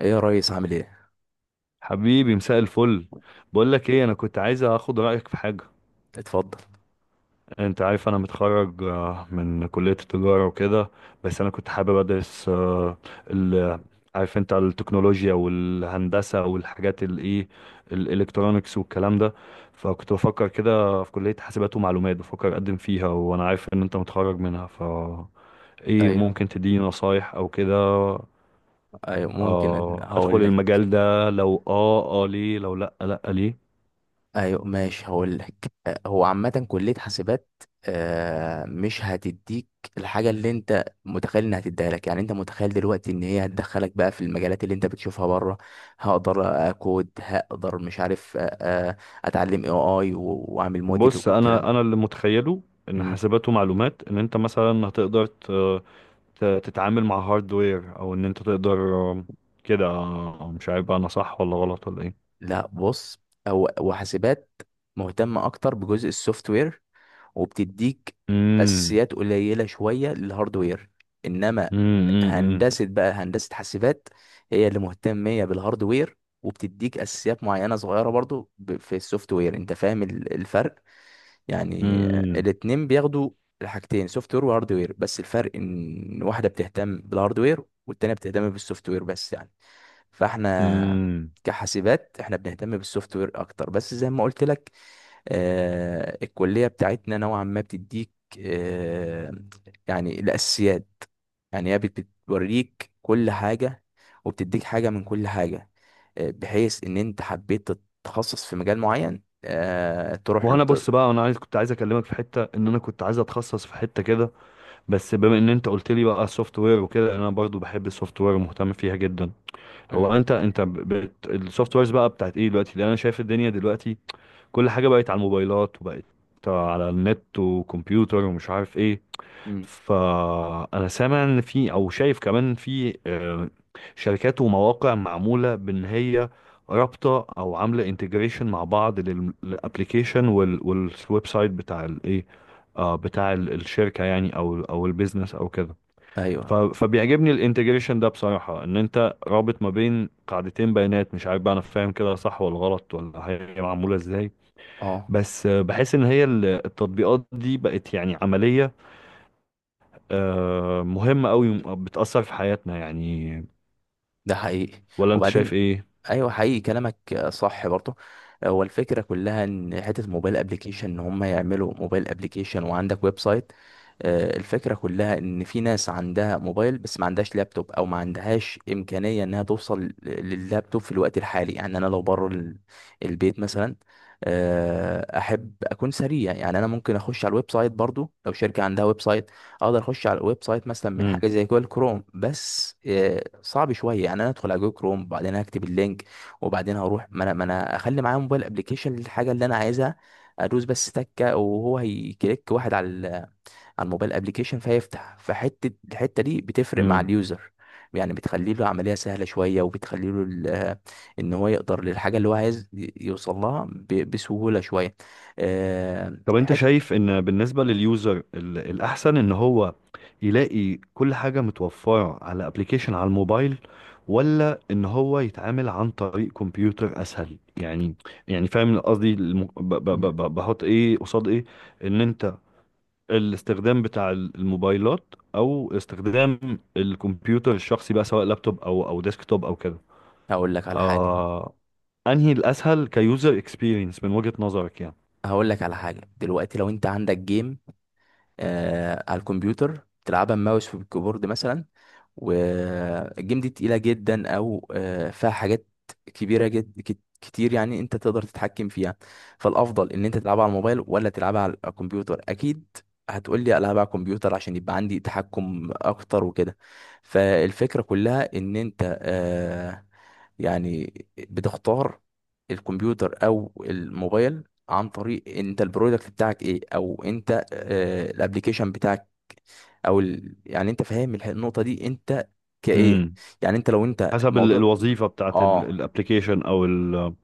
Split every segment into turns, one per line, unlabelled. ايه يا ريس، عامل ايه؟
حبيبي، مساء الفل. بقول لك ايه، انا كنت عايز اخد رايك في حاجه.
اتفضل.
انت عارف انا متخرج، من كليه التجاره وكده. بس انا كنت حابب ادرس، ال عارف انت التكنولوجيا والهندسه والحاجات الايه، الالكترونكس والكلام ده. فكنت بفكر كده في كليه حاسبات ومعلومات، بفكر اقدم فيها وانا عارف ان انت متخرج منها. ايه
ايوه،
ممكن تديني نصايح او كده؟
ايوه، ممكن.
ادخل
هقول لك.
المجال ده، لو ليه، لو لا لا ليه؟
ايوه، ماشي، هقول لك. هو عامه كليه حاسبات. مش هتديك الحاجه اللي انت متخيل انها هتديها لك، يعني انت متخيل دلوقتي ان هي هتدخلك بقى في المجالات اللي انت بتشوفها بره. هقدر اكود، هقدر، مش عارف. آه، اتعلم AI واعمل موديل
بص،
والكلام
انا
ده.
اللي متخيله ان
مم.
حاسبات ومعلومات ان انت مثلا هتقدر تتعامل مع هاردوير، او ان انت تقدر كده. مش عارف بقى انا صح ولا غلط ولا ايه.
لا بص، هو وحاسبات مهتمه اكتر بجزء السوفت وير، وبتديك
امم،
اساسيات قليله شويه للهاردوير. انما
امم، امم،
هندسه بقى، هندسه حاسبات هي اللي مهتميه بالهاردوير، وبتديك اساسيات معينه صغيره برضو في السوفت وير. انت فاهم الفرق؟ يعني الاتنين بياخدوا الحاجتين، سوفت وير وهاردوير، بس الفرق ان واحده بتهتم بالهاردوير والتانيه بتهتم بالسوفت وير بس، يعني. فاحنا
امم.
كحاسبات احنا بنهتم بالسوفت وير اكتر، بس زي ما قلت لك، الكلية بتاعتنا نوعا ما بتديك آه، يعني الأساسيات. يعني هي بتوريك كل حاجة وبتديك حاجة من كل حاجة، بحيث إن أنت حبيت تتخصص في مجال معين، تروح له
وانا بص
تقدر.
بقى، انا عايز كنت عايز اكلمك في حته ان انا كنت عايز اتخصص في حته كده. بس بما ان انت قلت لي بقى السوفت وير وكده، انا برضو بحب السوفت وير ومهتم فيها جدا. هو
مم.
انت السوفت ويرز بقى بتاعت ايه دلوقتي؟ لان انا شايف الدنيا دلوقتي كل حاجة بقت على الموبايلات، وبقت على النت وكمبيوتر ومش عارف ايه.
مم.
فأنا سامع ان في، او شايف كمان في، شركات ومواقع معمولة بان هي رابطة او عاملة انتجريشن مع بعض، للابليكيشن والويب سايت بتاع الايه، بتاع الشركة يعني، او البيزنس او كده.
أيوه.
فبيعجبني الانتجريشن ده بصراحة، ان انت رابط ما بين قاعدتين بيانات. مش عارف بقى انا فاهم كده صح ولا غلط، ولا هي معمولة ازاي.
أه،
بس بحس ان هي التطبيقات دي بقت يعني عملية، مهمة قوي، بتأثر في حياتنا يعني.
ده حقيقي.
ولا انت شايف
وبعدين،
ايه؟
ايوه، حقيقي كلامك، صح برضه. هو الفكره كلها ان حته موبايل ابلكيشن، ان هم يعملوا موبايل ابلكيشن وعندك ويب سايت. الفكره كلها ان في ناس عندها موبايل بس ما عندهاش لابتوب او ما عندهاش امكانيه انها توصل لللابتوب في الوقت الحالي. يعني انا لو بره البيت مثلا، احب اكون سريع. يعني انا ممكن اخش على الويب سايت برضو لو شركه عندها ويب سايت، اقدر اخش على الويب سايت مثلا من
مم.
حاجه زي جوجل كروم، بس صعب شويه، يعني انا ادخل على جوجل كروم وبعدين اكتب اللينك وبعدين هروح. ما انا اخلي معايا موبايل ابلكيشن للحاجه اللي انا عايزها، ادوس بس تكه وهو هيكليك واحد على الموبايل ابلكيشن فيفتح. الحته دي بتفرق مع
مم.
اليوزر، يعني بتخلي له عمليه سهله شويه، وبتخلي له ان هو يقدر للحاجه اللي هو عايز يوصل لها بسهوله شويه. آه،
طب انت
حت
شايف ان بالنسبة لليوزر، الاحسن ان هو يلاقي كل حاجة متوفرة على ابلكيشن على الموبايل، ولا ان هو يتعامل عن طريق كمبيوتر اسهل يعني؟ يعني فاهم قصدي؟
مم.
بحط ايه قصاد ايه. ان انت، الاستخدام بتاع الموبايلات او استخدام الكمبيوتر الشخصي بقى، سواء لابتوب او ديسكتوب او كده.
هقول لك على حاجه
آه انهي الاسهل كيوزر اكسبيرينس من وجهة نظرك يعني؟
هقول لك على حاجة. دلوقتي لو انت عندك جيم آه على الكمبيوتر تلعبها ماوس في الكيبورد مثلا، والجيم دي تقيلة جدا، او فيها حاجات كبيرة جدا كتير، يعني انت تقدر تتحكم فيها. فالافضل ان انت تلعبها على الموبايل ولا تلعبها على الكمبيوتر؟ اكيد هتقول لي العبها على الكمبيوتر عشان يبقى عندي تحكم اكتر وكده. فالفكرة كلها ان انت يعني بتختار الكمبيوتر او الموبايل عن طريق انت البرودكت بتاعك ايه، او انت الابلكيشن بتاعك، يعني انت فاهم النقطه دي انت كايه؟
امم
يعني انت لو انت
حسب
الموضوع.
الوظيفة بتاعت
اه،
الابلكيشن، او ال-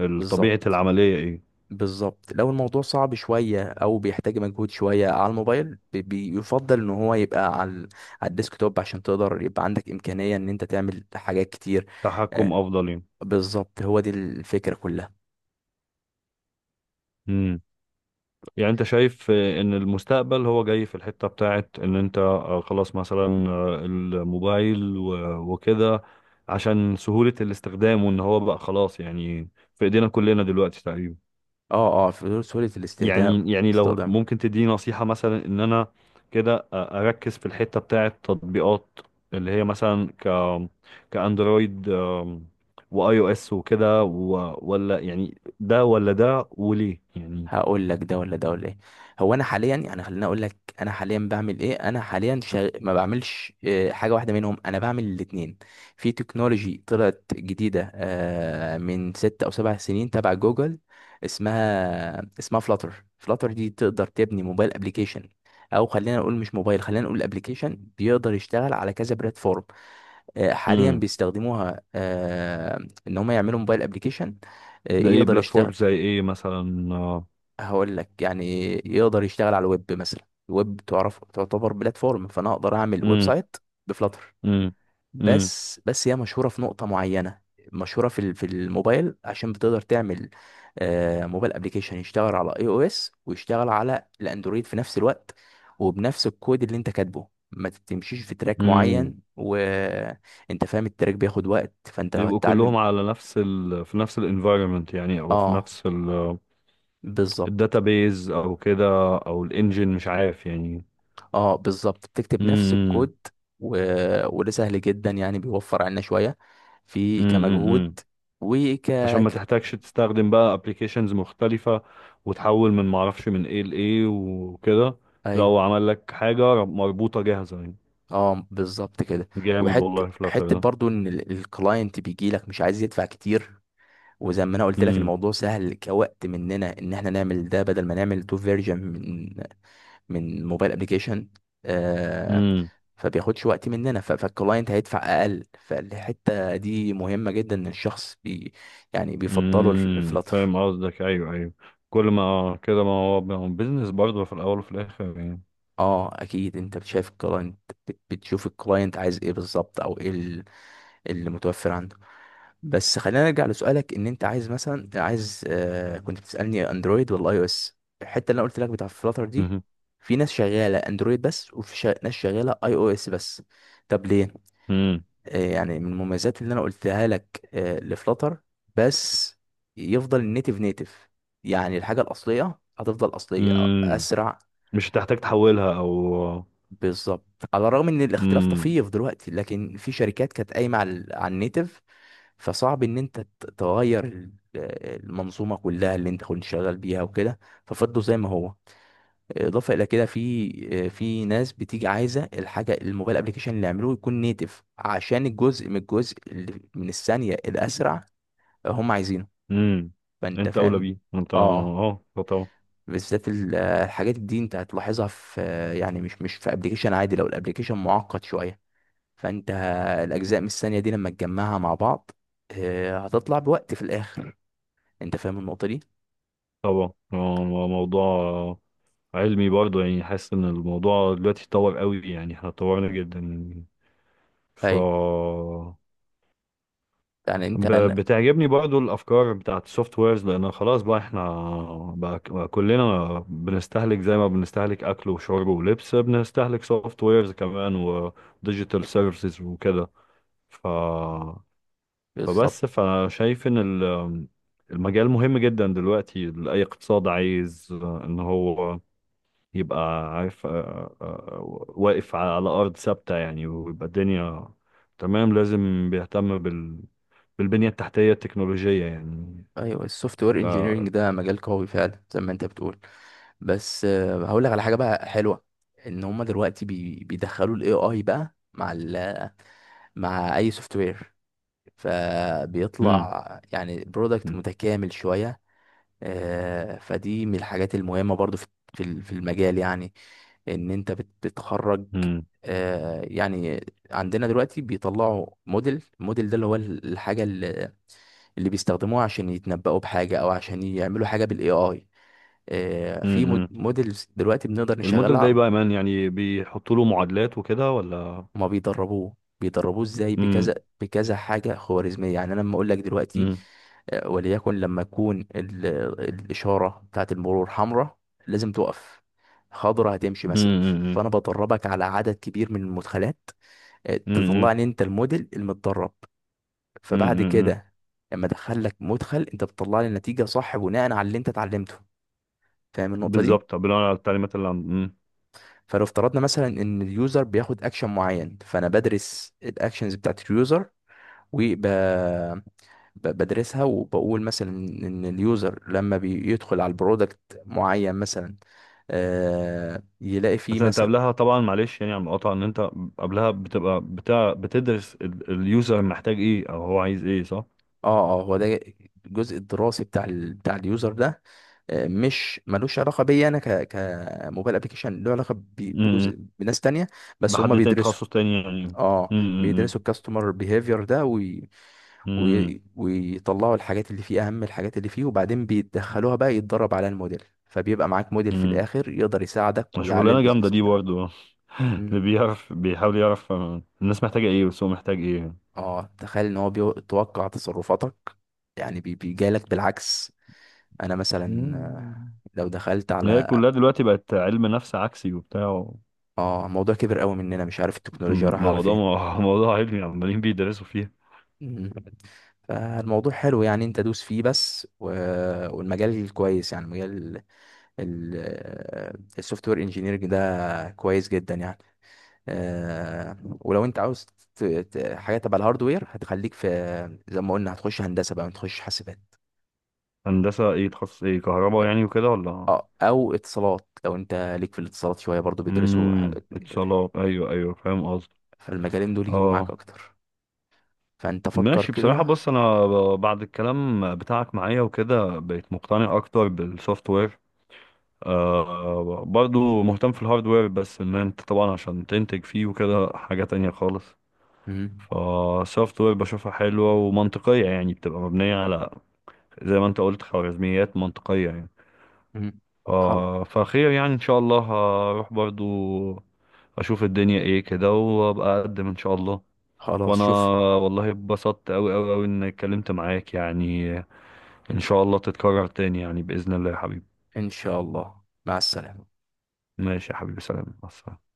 ال- طبيعة
بالظبط،
العملية ايه.
بالظبط. لو الموضوع صعب شويه او بيحتاج مجهود شويه على الموبايل، بيفضل ان هو يبقى على الديسك توب عشان تقدر، يبقى عندك امكانيه ان انت تعمل حاجات كتير.
تحكم
آه،
افضل.
بالظبط، هو دي الفكره كلها.
يعني يعني انت شايف ان المستقبل هو جاي في الحتة بتاعت ان انت، خلاص مثلا، الموبايل وكده، عشان سهولة الاستخدام، وان هو بقى خلاص يعني في ايدينا كلنا دلوقتي تقريبا.
اه، اه، في سهوله الاستخدام.
يعني لو
استخدام.
ممكن تديني نصيحة مثلا، ان انا كده اركز في الحتة بتاعت تطبيقات، اللي هي مثلا كاندرويد، واي او اس وكده، ولا يعني ده ولا ده، وليه يعني؟
هقول لك ده ولا ده ولا ايه. هو انا حاليا، يعني خليني اقول لك انا حاليا بعمل ايه، انا حاليا ما بعملش حاجه واحده منهم، انا بعمل الاتنين. في تكنولوجي طلعت جديده من 6 او 7 سنين تبع جوجل، اسمها فلاتر. فلاتر دي تقدر تبني موبايل ابلكيشن، او خلينا نقول مش موبايل، خلينا نقول ابلكيشن بيقدر يشتغل على كذا بلاتفورم. حاليا بيستخدموها ان هم يعملوا موبايل ابلكيشن
ده ايه
يقدر
بلاتفورم
يشتغل.
زي ايه مثلا.
هقول لك، يعني يقدر يشتغل على الويب مثلا. الويب تعرف تعتبر بلاتفورم، فانا اقدر اعمل ويب
امم،
سايت بفلاتر.
امم، امم،
بس، بس هي مشهوره في نقطه معينه، مشهوره في الموبايل، عشان بتقدر تعمل موبايل ابلكيشن يشتغل على iOS ويشتغل على الاندرويد في نفس الوقت وبنفس الكود اللي انت كاتبه. ما تمشيش في تراك
امم.
معين وانت فاهم التراك بياخد وقت، فانت لو
يبقوا
هتتعلم.
كلهم على نفس في نفس الانفايرمنت يعني، او في
اه،
نفس
بالظبط.
الداتابيز او كده، او الانجن، مش عارف يعني.
اه، بالظبط، بتكتب نفس
امم،
الكود. و... وده سهل جدا، يعني بيوفر عنا شوية في كمجهود
امم.
وك
عشان ما
ك...
تحتاجش تستخدم بقى ابلكيشنز مختلفة، وتحول من معرفش من ايه لايه وكده.
ايوه.
لو عمل لك حاجة مربوطة جاهزة يعني.
اه، بالظبط كده.
جامد
وحته،
والله فلاتر
حته
ده.
برضو ان الكلاينت بيجي لك مش عايز يدفع كتير، وزي ما انا قلت لك الموضوع سهل كوقت مننا ان احنا نعمل ده بدل ما نعمل تو فيرجن من موبايل ابلكيشن. آه،
امم،
فبياخدش وقت مننا، فالكلاينت هيدفع اقل، فالحته دي مهمه جدا ان الشخص يعني بيفضله
امم.
الفلاتر.
فاهم قصدك، ايوه ايوه. كل ما كده، ما هو بيزنس برضه في الاول وفي الاخر يعني.
اه، اكيد انت بتشايف الكلاينت، بتشوف الكلاينت عايز ايه بالظبط، او ايه اللي متوفر عنده. بس خلينا نرجع لسؤالك، ان انت عايز مثلا، عايز آه كنت بتسالني اندرويد ولا iOS. الحته اللي انا قلت لك بتاع فلاتر دي،
مهم.
في ناس شغاله اندرويد بس، ناس شغاله iOS بس. طب ليه؟
امم،
يعني من المميزات اللي انا قلتها لك لفلاتر، بس يفضل النيتف. نيتف يعني الحاجه الاصليه هتفضل اصليه،
امم.
اسرع.
مش هتحتاج تحولها او.
بالظبط. على الرغم ان الاختلاف
امم،
طفيف دلوقتي، لكن في شركات كانت قايمه على، على النيتف، فصعب ان انت تغير المنظومه كلها اللي انت كنت شغال بيها وكده. ففضلوا زي ما هو. اضافه الى كده، في في ناس بتيجي عايزه الحاجه الموبايل ابلكيشن اللي يعملوه يكون نيتف عشان الجزء من الجزء اللي من الثانيه الاسرع هم عايزينه.
امم.
فانت
انت اولى
فاهم.
بيه انت، اه.
اه.
آه، طبعا.
بالذات الحاجات دي انت هتلاحظها في يعني مش في ابلكيشن عادي، لو الابلكيشن معقد شويه فانت، الاجزاء من الثانيه دي لما تجمعها مع بعض هتطلع بوقت في الاخر. انت فاهم النقطه دي.
طبعا، موضوع علمي برضه يعني. حاسس ان الموضوع دلوقتي اتطور قوي يعني، احنا اتطورنا جدا ف
ايوه، يعني انت
بتعجبني برضو الافكار بتاعت السوفت ويرز، لان خلاص بقى احنا بقى كلنا بنستهلك، زي ما بنستهلك اكل وشرب ولبس، بنستهلك سوفت ويرز كمان وديجيتال سيرفيسز وكده ف
بالظبط.
فبس، فشايف ان المجال مهم جدا دلوقتي، لاي اقتصاد عايز ان هو يبقى عارف واقف على ارض ثابتة يعني، ويبقى الدنيا تمام. لازم بيهتم بالبنية التحتية التكنولوجية يعني.
ايوه، السوفت وير انجينيرنج
آه،
ده مجال قوي فعلا زي ما انت بتقول، بس هقول لك على حاجه بقى حلوه، ان هما دلوقتي بيدخلوا الاي اي بقى مع اي سوفت وير،
امم،
فبيطلع يعني برودكت متكامل شويه. فدي من الحاجات المهمه برضو في، في المجال. يعني ان انت بتخرج
امم،
يعني. عندنا دلوقتي بيطلعوا موديل، الموديل ده اللي هو الحاجه اللي، اللي بيستخدموها عشان يتنبؤوا بحاجه او عشان يعملوا حاجه بالاي اي. في
امم.
موديلز دلوقتي بنقدر
الموديل ده
نشغلها.
يبقى مان يعني، بيحطوا له معادلات وكده ولا؟
هما بيدربوه، بيدربوه ازاي؟ بكذا،
امم،
بكذا حاجه خوارزميه. يعني انا لما اقول لك دلوقتي
امم،
وليكن لما تكون الاشاره بتاعت المرور حمراء لازم تقف، خضرة هتمشي مثلا.
امم،
فانا بدربك على عدد كبير من المدخلات،
امم،
تطلعني انت الموديل المتدرب. فبعد
امم.
كده لما ادخل لك مدخل، انت بتطلع لي النتيجه صح بناء على اللي انت اتعلمته. فاهم النقطه دي.
بالظبط بناء على التعليمات اللي عند. مم.
فلو افترضنا مثلا ان اليوزر بياخد اكشن معين، فانا بدرس الاكشنز بتاعت اليوزر وبدرسها، وبقول مثلا ان اليوزر لما بيدخل على البرودكت معين مثلا يلاقي فيه
بس انت
مثلا.
قبلها طبعا، معلش يعني على المقاطعة، ان انت قبلها بتبقى بتاع، بتدرس اليوزر محتاج ايه او هو عايز ايه، صح؟
اه، اه، هو ده، الجزء الدراسي بتاع اليوزر ده مش ملوش علاقه بيا انا، كموبايل ابلكيشن، له علاقه بجزء
امم
بناس تانية، بس هم
لحد تاني،
بيدرسوا.
تخصص تاني يعني.
اه،
امم،
بيدرسوا الكاستمر بيهيفير ده، ويطلعوا الحاجات اللي فيه، اهم الحاجات اللي فيه، وبعدين بيدخلوها بقى يتدرب على الموديل، فبيبقى معاك موديل في
امم.
الاخر يقدر يساعدك ويعلي
شغلانة جامدة
البيزنس
دي
بتاعك.
برضو.
مم.
اللي بيعرف بيحاول يعرف، الناس محتاجة ايه والسوق محتاج ايه.
اه، تخيل ان هو بيتوقع تصرفاتك، يعني بيجالك بالعكس. انا مثلا
مم.
لو دخلت
هي
على،
كلها دلوقتي بقت علم نفس عكسي وبتاع.
اه، الموضوع كبر قوي مننا، مش عارف التكنولوجيا رايحه على
موضوع
فين.
موضوع علمي عمالين بيدرسوا فيه.
مم. فالموضوع حلو، يعني انت دوس فيه بس والمجال كويس. يعني مجال السوفت وير انجينيرنج ده كويس جدا يعني. ولو انت عاوز حاجه تبع الهاردوير هتخليك في، زي ما قلنا، هتخش هندسه بقى، ما تخش حاسبات.
هندسة ايه؟ تخصص ايه، كهرباء يعني وكده ولا؟
اه، او اتصالات، لو انت ليك في الاتصالات شويه، برضو بيدرسوا حاجات كده.
اتصالات، ايوه ايوه، فاهم قصدي،
فالمجالين دول يجيبوا معاك
اه.
اكتر. فانت فكر
ماشي بصراحة،
كده.
بص انا بعد الكلام بتاعك معايا وكده، بقيت مقتنع اكتر بالسوفت وير. برضو مهتم في الهاردوير، بس ان انت طبعا عشان تنتج فيه وكده حاجة تانية خالص.
مم.
فالسوفت وير بشوفها حلوة ومنطقية يعني، بتبقى مبنية على زي ما انت قلت، خوارزميات منطقية يعني.
مم. خلاص.
فخير يعني، ان شاء الله هروح برضو. اشوف الدنيا ايه كده، وابقى اقدم ان شاء الله.
خلاص
وانا
شوف.
والله اتبسطت اوي اوي اوي اني اتكلمت معاك يعني. ان شاء الله تتكرر تاني يعني، باذن الله يا حبيبي.
ان شاء الله مع السلامه.
ماشي يا حبيبي، سلام مع السلامة.